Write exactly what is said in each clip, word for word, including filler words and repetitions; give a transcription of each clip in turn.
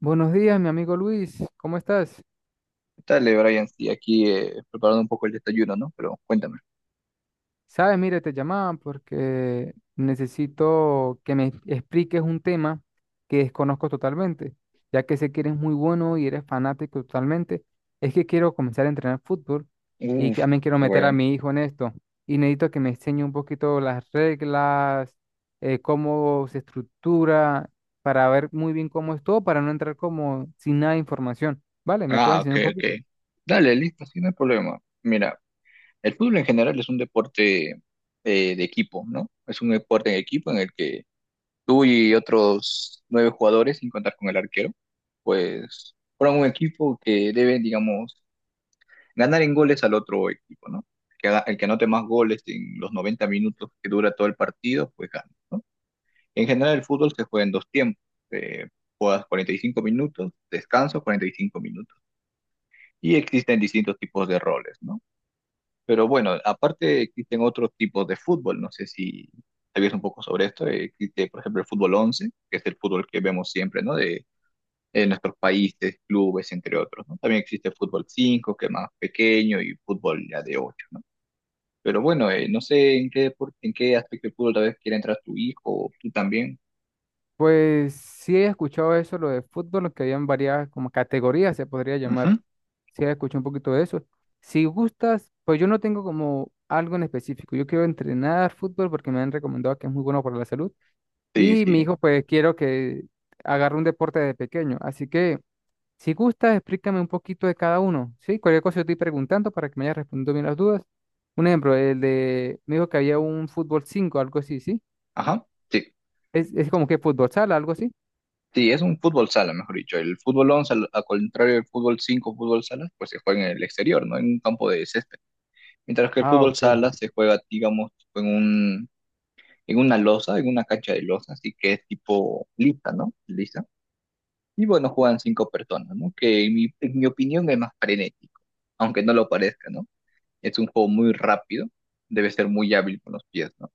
Buenos días, mi amigo Luis, ¿cómo estás? Dale, Brian, sí, aquí eh, preparando un poco el desayuno, ¿no? Pero cuéntame. Sabes, mire, te llamaba porque necesito que me expliques un tema que desconozco totalmente, ya que sé que eres muy bueno y eres fanático totalmente. Es que quiero comenzar a entrenar fútbol y que Uf, también quiero qué meter a bueno. mi hijo en esto. Y necesito que me enseñe un poquito las reglas, eh, cómo se estructura, para ver muy bien cómo es todo, para no entrar como sin nada de información. ¿Vale? ¿Me puedes Ah, ok, enseñar un ok. poquito? Dale, listo, sí, no hay problema. Mira, el fútbol en general es un deporte eh, de equipo, ¿no? Es un deporte en equipo en el que tú y otros nueve jugadores, sin contar con el arquero, pues forman un equipo que debe, digamos, ganar en goles al otro equipo, ¿no? Que, haga- el que anote más goles en los noventa minutos que dura todo el partido, pues gana, ¿no? En general, el fútbol se juega en dos tiempos. eh, Juegas cuarenta y cinco minutos, descanso cuarenta y cinco minutos. Y existen distintos tipos de roles, ¿no? Pero bueno, aparte existen otros tipos de fútbol. No sé si sabías un poco sobre esto. eh, Existe, por ejemplo, el fútbol once que es el fútbol que vemos siempre, ¿no? De, en nuestros países, clubes, entre otros, ¿no? También existe el fútbol cinco que es más pequeño, y fútbol ya de ocho, ¿no? Pero bueno, eh, no sé en qué, depor- en qué aspecto del fútbol tal vez quiera entrar tu hijo o tú también. Pues sí he escuchado eso, lo de fútbol, que habían varias como categorías, se podría llamar. Ujú. Sí he escuchado un poquito de eso. Si gustas, pues yo no tengo como algo en específico. Yo quiero entrenar fútbol porque me han recomendado que es muy bueno para la salud. Sí, Y mi hijo, sí. pues quiero que agarre un deporte desde pequeño. Así que, si gustas, explícame un poquito de cada uno, ¿sí? Cualquier cosa yo estoy preguntando para que me hayas respondido bien las dudas. Un ejemplo, el de, me dijo que había un fútbol cinco, algo así, ¿sí? Ajá, sí, Es, es como que fútbol sala, algo así. sí, es un fútbol sala, mejor dicho. El fútbol once al al contrario del fútbol cinco, fútbol sala, pues se juega en el exterior, ¿no? En un campo de césped. Mientras que el Ah, fútbol ok. sala se juega, digamos, en un, en una losa, en una cancha de losa, así que es tipo lisa, ¿no? Lisa. Y bueno, juegan cinco personas, ¿no? Que en mi, en mi opinión es más frenético, aunque no lo parezca, ¿no? Es un juego muy rápido, debe ser muy hábil con los pies, ¿no?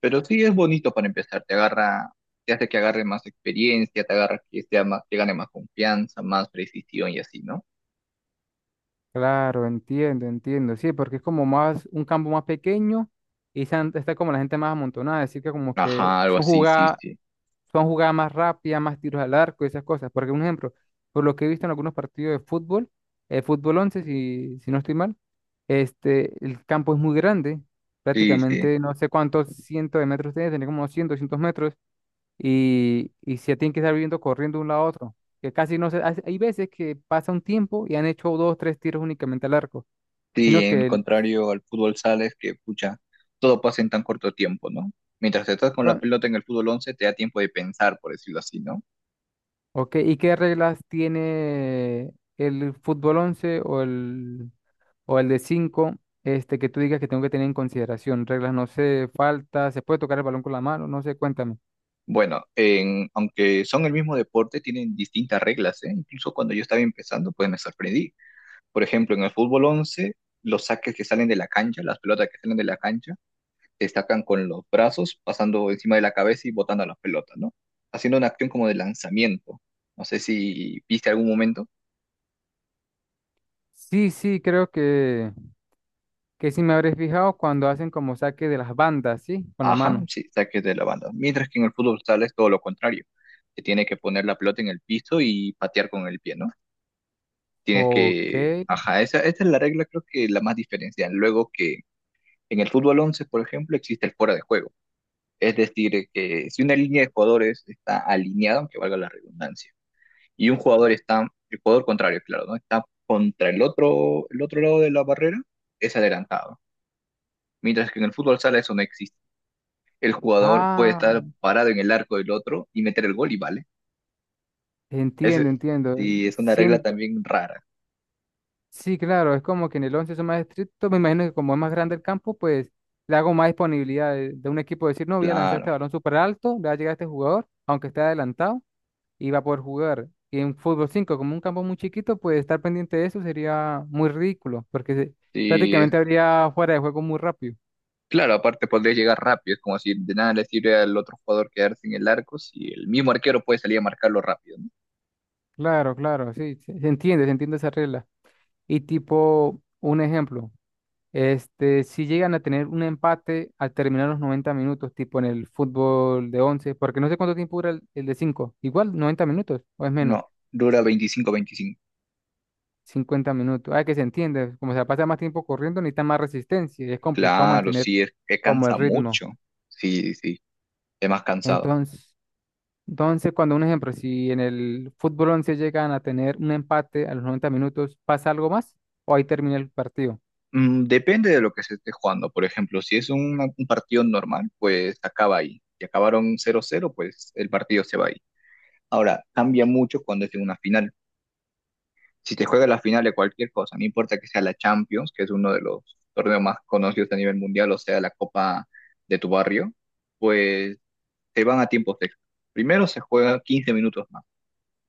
Pero sí es bonito para empezar, te agarra, te hace que agarre más experiencia, te agarra que sea más, que gane más confianza, más precisión y así, ¿no? Claro, entiendo, entiendo. Sí, porque es como más un campo más pequeño y se han- está como la gente más amontonada. Así que como que Ajá, algo son así, sí, jugadas, sí. son jugadas más rápidas, más tiros al arco y esas cosas. Porque un ejemplo, por lo que he visto en algunos partidos de fútbol, el fútbol once si, si no estoy mal, este, el campo es muy grande. Sí, sí. Prácticamente no sé cuántos cientos de metros tiene, tiene como doscientos, doscientos metros y, y se tienen que estar viviendo corriendo de un lado a otro. Que casi no se. Hay hay veces que pasa un tiempo y han hecho dos, tres tiros únicamente al arco. Sí, Sino en que el. contrario al fútbol sales que, pucha, todo pasa en tan corto tiempo, ¿no? Mientras estás con la Ah, pelota en el fútbol once te da tiempo de pensar, por decirlo así, ¿no? ok, ¿y qué reglas tiene el fútbol once o el, o el de cinco, este, que tú digas que tengo que tener en consideración? Reglas, no sé, falta, se puede tocar el balón con la mano, no sé, cuéntame. Bueno, en, aunque son el mismo deporte, tienen distintas reglas, ¿eh? Incluso cuando yo estaba empezando, pues me sorprendí. Por ejemplo, en el fútbol once los saques que salen de la cancha, las pelotas que salen de la cancha, destacan con los brazos, pasando encima de la cabeza y botando a las pelotas, ¿no? Haciendo una acción como de lanzamiento. No sé si viste algún momento. Sí, sí, creo que, que sí me habré fijado cuando hacen como saque de las bandas, ¿sí? Con la Ajá, mano. sí, saques de la banda. Mientras que en el fútbol sala es todo lo contrario. Te tiene que poner la pelota en el piso y patear con el pie, ¿no? Tienes Ok. que... Ajá, esa, esta es la regla creo que la más diferencial. Luego que en el fútbol once, por ejemplo, existe el fuera de juego. Es decir, eh, que si una línea de jugadores está alineada, aunque valga la redundancia, y un jugador está, el jugador contrario, claro, ¿no? Está contra el otro, el otro lado de la barrera, es adelantado. Mientras que en el fútbol sala eso no existe. El jugador puede Ah, estar parado en el arco del otro y meter el gol y vale. Ese, entiendo, entiendo. sí, es una regla Siento, también rara. sí, claro, es como que en el once son más estrictos. Me imagino que como es más grande el campo, pues le hago más disponibilidad de, de un equipo decir, no, voy a lanzar Claro. este balón súper alto, le va a llegar a este jugador, aunque esté adelantado, y va a poder jugar. Y en fútbol cinco como un campo muy chiquito, pues estar pendiente de eso sería muy ridículo, porque se- Sí, prácticamente habría fuera de juego muy rápido. claro, aparte podría llegar rápido. Es como si de nada le sirve al otro jugador quedarse en el arco si el mismo arquero puede salir a marcarlo rápido, ¿no? Claro, claro, sí, se se entiende, se entiende esa regla. Y tipo, un ejemplo. Este, si llegan a tener un empate al terminar los noventa minutos, tipo en el fútbol de once, porque no sé cuánto tiempo dura el, el de cinco, igual noventa minutos o es No, menos, dura veinticinco veinticinco cincuenta minutos. Ah, que se entiende, como se la pasa más tiempo corriendo, necesita más resistencia y es complicado Claro, mantener sí, es que como el cansa ritmo. mucho. Sí, sí, es más cansado. Entonces, entonces cuando un ejemplo, si en el fútbol once llegan a tener un empate a los noventa minutos, ¿pasa algo más o ahí termina el partido? Mm, depende de lo que se esté jugando. Por ejemplo, si es una- un partido normal, pues acaba ahí. Si acabaron cero cero, pues el partido se va ahí. Ahora, cambia mucho cuando es en una final. Si te juega la final de cualquier cosa, no importa que sea la Champions, que es uno de los torneos más conocidos a nivel mundial, o sea, la Copa de tu barrio, pues te van a tiempos extra. Primero se juega quince minutos más.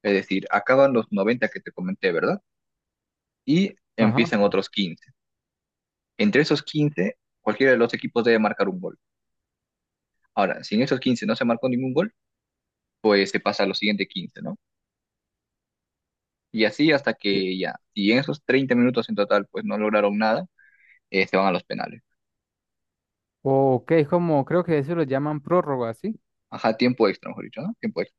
Es decir, acaban los noventa que te comenté, ¿verdad? Y Ajá. empiezan otros quince. Entre esos quince, cualquiera de los equipos debe marcar un gol. Ahora, si en esos quince no se marcó ningún gol, pues se pasa a los siguientes quince, ¿no? Y así hasta que ya, si en esos treinta minutos en total pues no lograron nada, eh, se van a los penales. Ok, es como, creo que eso lo llaman prórroga, ¿sí? Ajá, tiempo extra, mejor dicho, ¿no? Tiempo extra.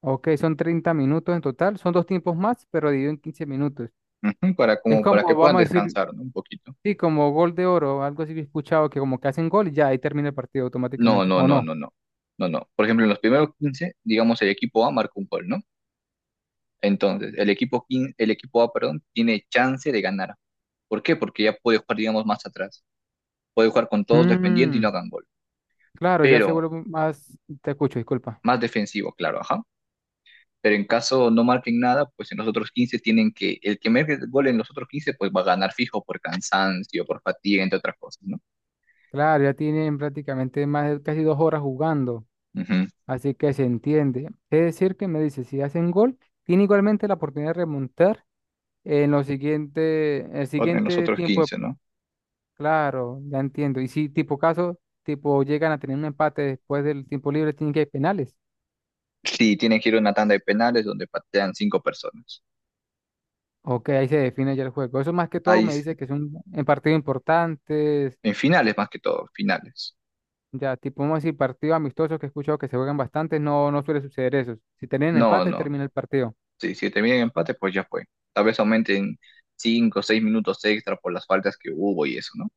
Ok, son treinta minutos en total, son dos tiempos más, pero dividido en quince minutos. Ujú, para, Es como, para como, que puedan vamos a decir, descansar, ¿no? Un poquito. sí, como gol de oro, algo así que he escuchado, que como que hacen gol y ya ahí termina el partido No, automáticamente, no, ¿o no, no? no, no. No, no. Por ejemplo, en los primeros quince, digamos, el equipo A marcó un gol, ¿no? Entonces, el equipo, quin- el equipo A, perdón, tiene chance de ganar. ¿Por qué? Porque ya puede jugar, digamos, más atrás. Puede jugar con todos defendiendo y no Mm, hagan gol. claro, ya se Pero vuelve más, te escucho, disculpa. más defensivo, claro, ajá. Pero en caso no marquen nada, pues en los otros quince tienen que, el que marque el gol en los otros quince pues va a ganar fijo por cansancio, por fatiga, entre otras cosas, ¿no? Claro, ya tienen prácticamente más de casi dos horas jugando, Ujú. así que se entiende. Es decir, que me dice, si hacen gol, tiene igualmente la oportunidad de remontar en los siguiente, el Otro- En los siguiente otros tiempo quince, de. ¿no? Claro, ya entiendo. Y si tipo caso, tipo llegan a tener un empate después del tiempo libre, tienen que ir penales. Sí, tienen que ir a una tanda de penales donde patean cinco personas. Ok, ahí se define ya el juego. Eso más que todo Ahí, me se- dice que son en partidos importantes, en finales más que todo, finales. ya tipo, vamos a decir, partidos amistosos que he escuchado que se juegan bastante, no, no suele suceder eso. Si tienen No, empate, no. termina el partido. Sí, si terminan en empate, pues ya fue. Tal vez aumenten cinco o seis minutos extra por las faltas que hubo y eso, ¿no?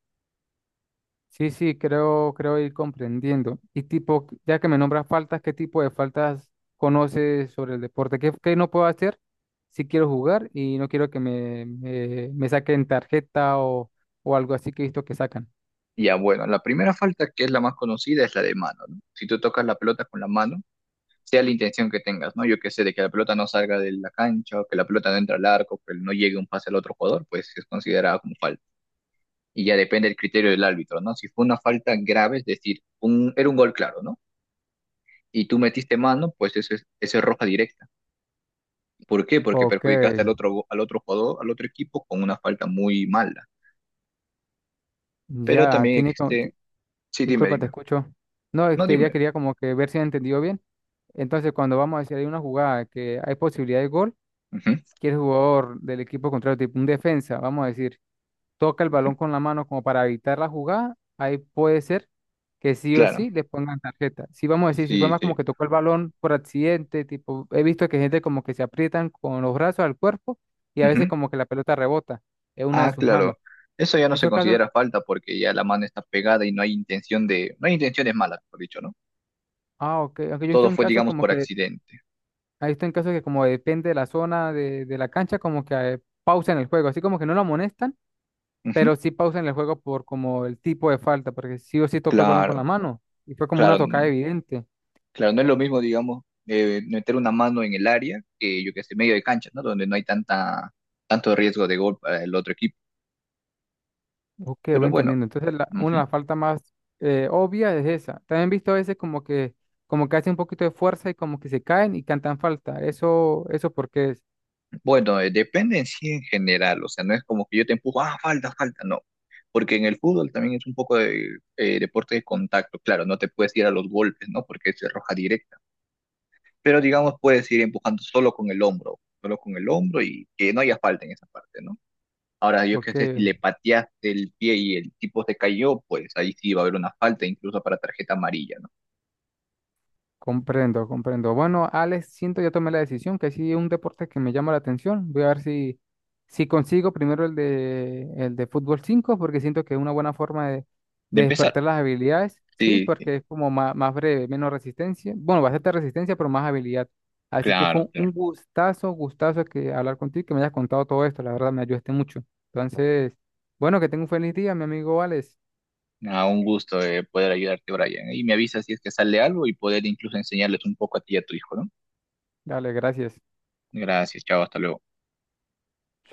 Sí, sí, creo, creo ir comprendiendo. Y tipo, ya que me nombras faltas, ¿qué tipo de faltas conoces sobre el deporte? ¿Qué, qué no puedo hacer si quiero jugar y no quiero que me, me, me saquen tarjeta, o, o algo así que he visto que sacan? Ya, bueno, la primera falta que es la más conocida es la de mano, ¿no? Si tú tocas la pelota con la mano, sea la intención que tengas, ¿no? Yo qué sé, de que la pelota no salga de la cancha, o que la pelota no entre al arco, que no llegue un pase al otro jugador, pues es considerada como falta. Y ya depende del criterio del árbitro, ¿no? Si fue una falta grave, es decir, un, era un gol claro, ¿no? Y tú metiste mano, pues eso es, eso es roja directa. ¿Por qué? Porque Ok, perjudicaste al otro, al otro jugador, al otro equipo, con una falta muy mala. Pero ya, también tiene... co- existe... ti- Sí, dime, Disculpa, te dime. escucho. No, es No, que ya dime. quería como que ver si he entendido bien. Entonces, cuando vamos a decir hay una jugada que hay posibilidad de gol, Ujú, que el jugador del equipo contrario, tipo un defensa, vamos a decir toca el ujú. balón con la mano como para evitar la jugada, ahí puede ser que sí o Claro. sí le pongan tarjeta. Si vamos a decir, si fue Sí, más como sí. que tocó el balón por accidente, tipo, he visto que gente como que se aprietan con los brazos al cuerpo y a veces Ujú. como que la pelota rebota en una de Ah, sus manos. claro. Eso ya no se Esos casos, considera falta porque ya la mano está pegada y no hay intención de, no hay intenciones malas, por dicho, ¿no? ah, ok, aunque yo he visto Todo en fue, casos digamos, como por que, accidente. he visto en casos que como depende de la zona de, de la cancha, como que eh, pausan el juego, así como que no lo amonestan, Ujú. pero sí pausan el juego por como el tipo de falta, porque sí o sí tocó el balón con la Claro, mano y fue como claro, una tocada n- evidente. claro. No es lo mismo, digamos, eh, meter una mano en el área que, yo que sé, medio de cancha, ¿no? Donde no hay tanta, tanto riesgo de gol para el otro equipo. Ok, voy Pero bueno, entendiendo. Entonces, la, una de las faltas más eh, obvias es esa. También he visto a veces como que, como que hacen un poquito de fuerza y como que se caen y cantan falta. Eso, eso porque es. Bueno, eh, depende en sí en general, o sea, no es como que yo te empujo, ah, falta, falta, no, porque en el fútbol también es un poco de eh, deporte de contacto, claro, no te puedes ir a los golpes, ¿no? Porque es roja directa, pero digamos puedes ir empujando solo con el hombro, solo con el hombro y que no haya falta en esa parte, ¿no? Ahora, yo qué Ok. sé, si le pateaste el pie y el tipo se cayó, pues ahí sí va a haber una falta, incluso para tarjeta amarilla, ¿no? Comprendo, comprendo. Bueno, Alex, siento ya tomé la decisión, que sí es un deporte que me llama la atención. Voy a ver si, si consigo primero el de, el de fútbol cinco porque siento que es una buena forma de, De de empezar. despertar las habilidades, ¿sí? Sí, sí, Porque es como ma- más, breve, menos resistencia. Bueno, bastante resistencia, pero más habilidad. Así que fue claro, un claro. un gustazo, gustazo que hablar contigo, que me hayas contado todo esto. La verdad, me ayudaste mucho. Entonces, bueno, que tenga un feliz día, mi amigo Alex. Ah, un gusto eh, poder ayudarte, Brian. Y me avisas si es que sale algo y poder incluso enseñarles un poco a ti y a tu hijo, ¿no? Dale, gracias. Gracias, chao, hasta luego.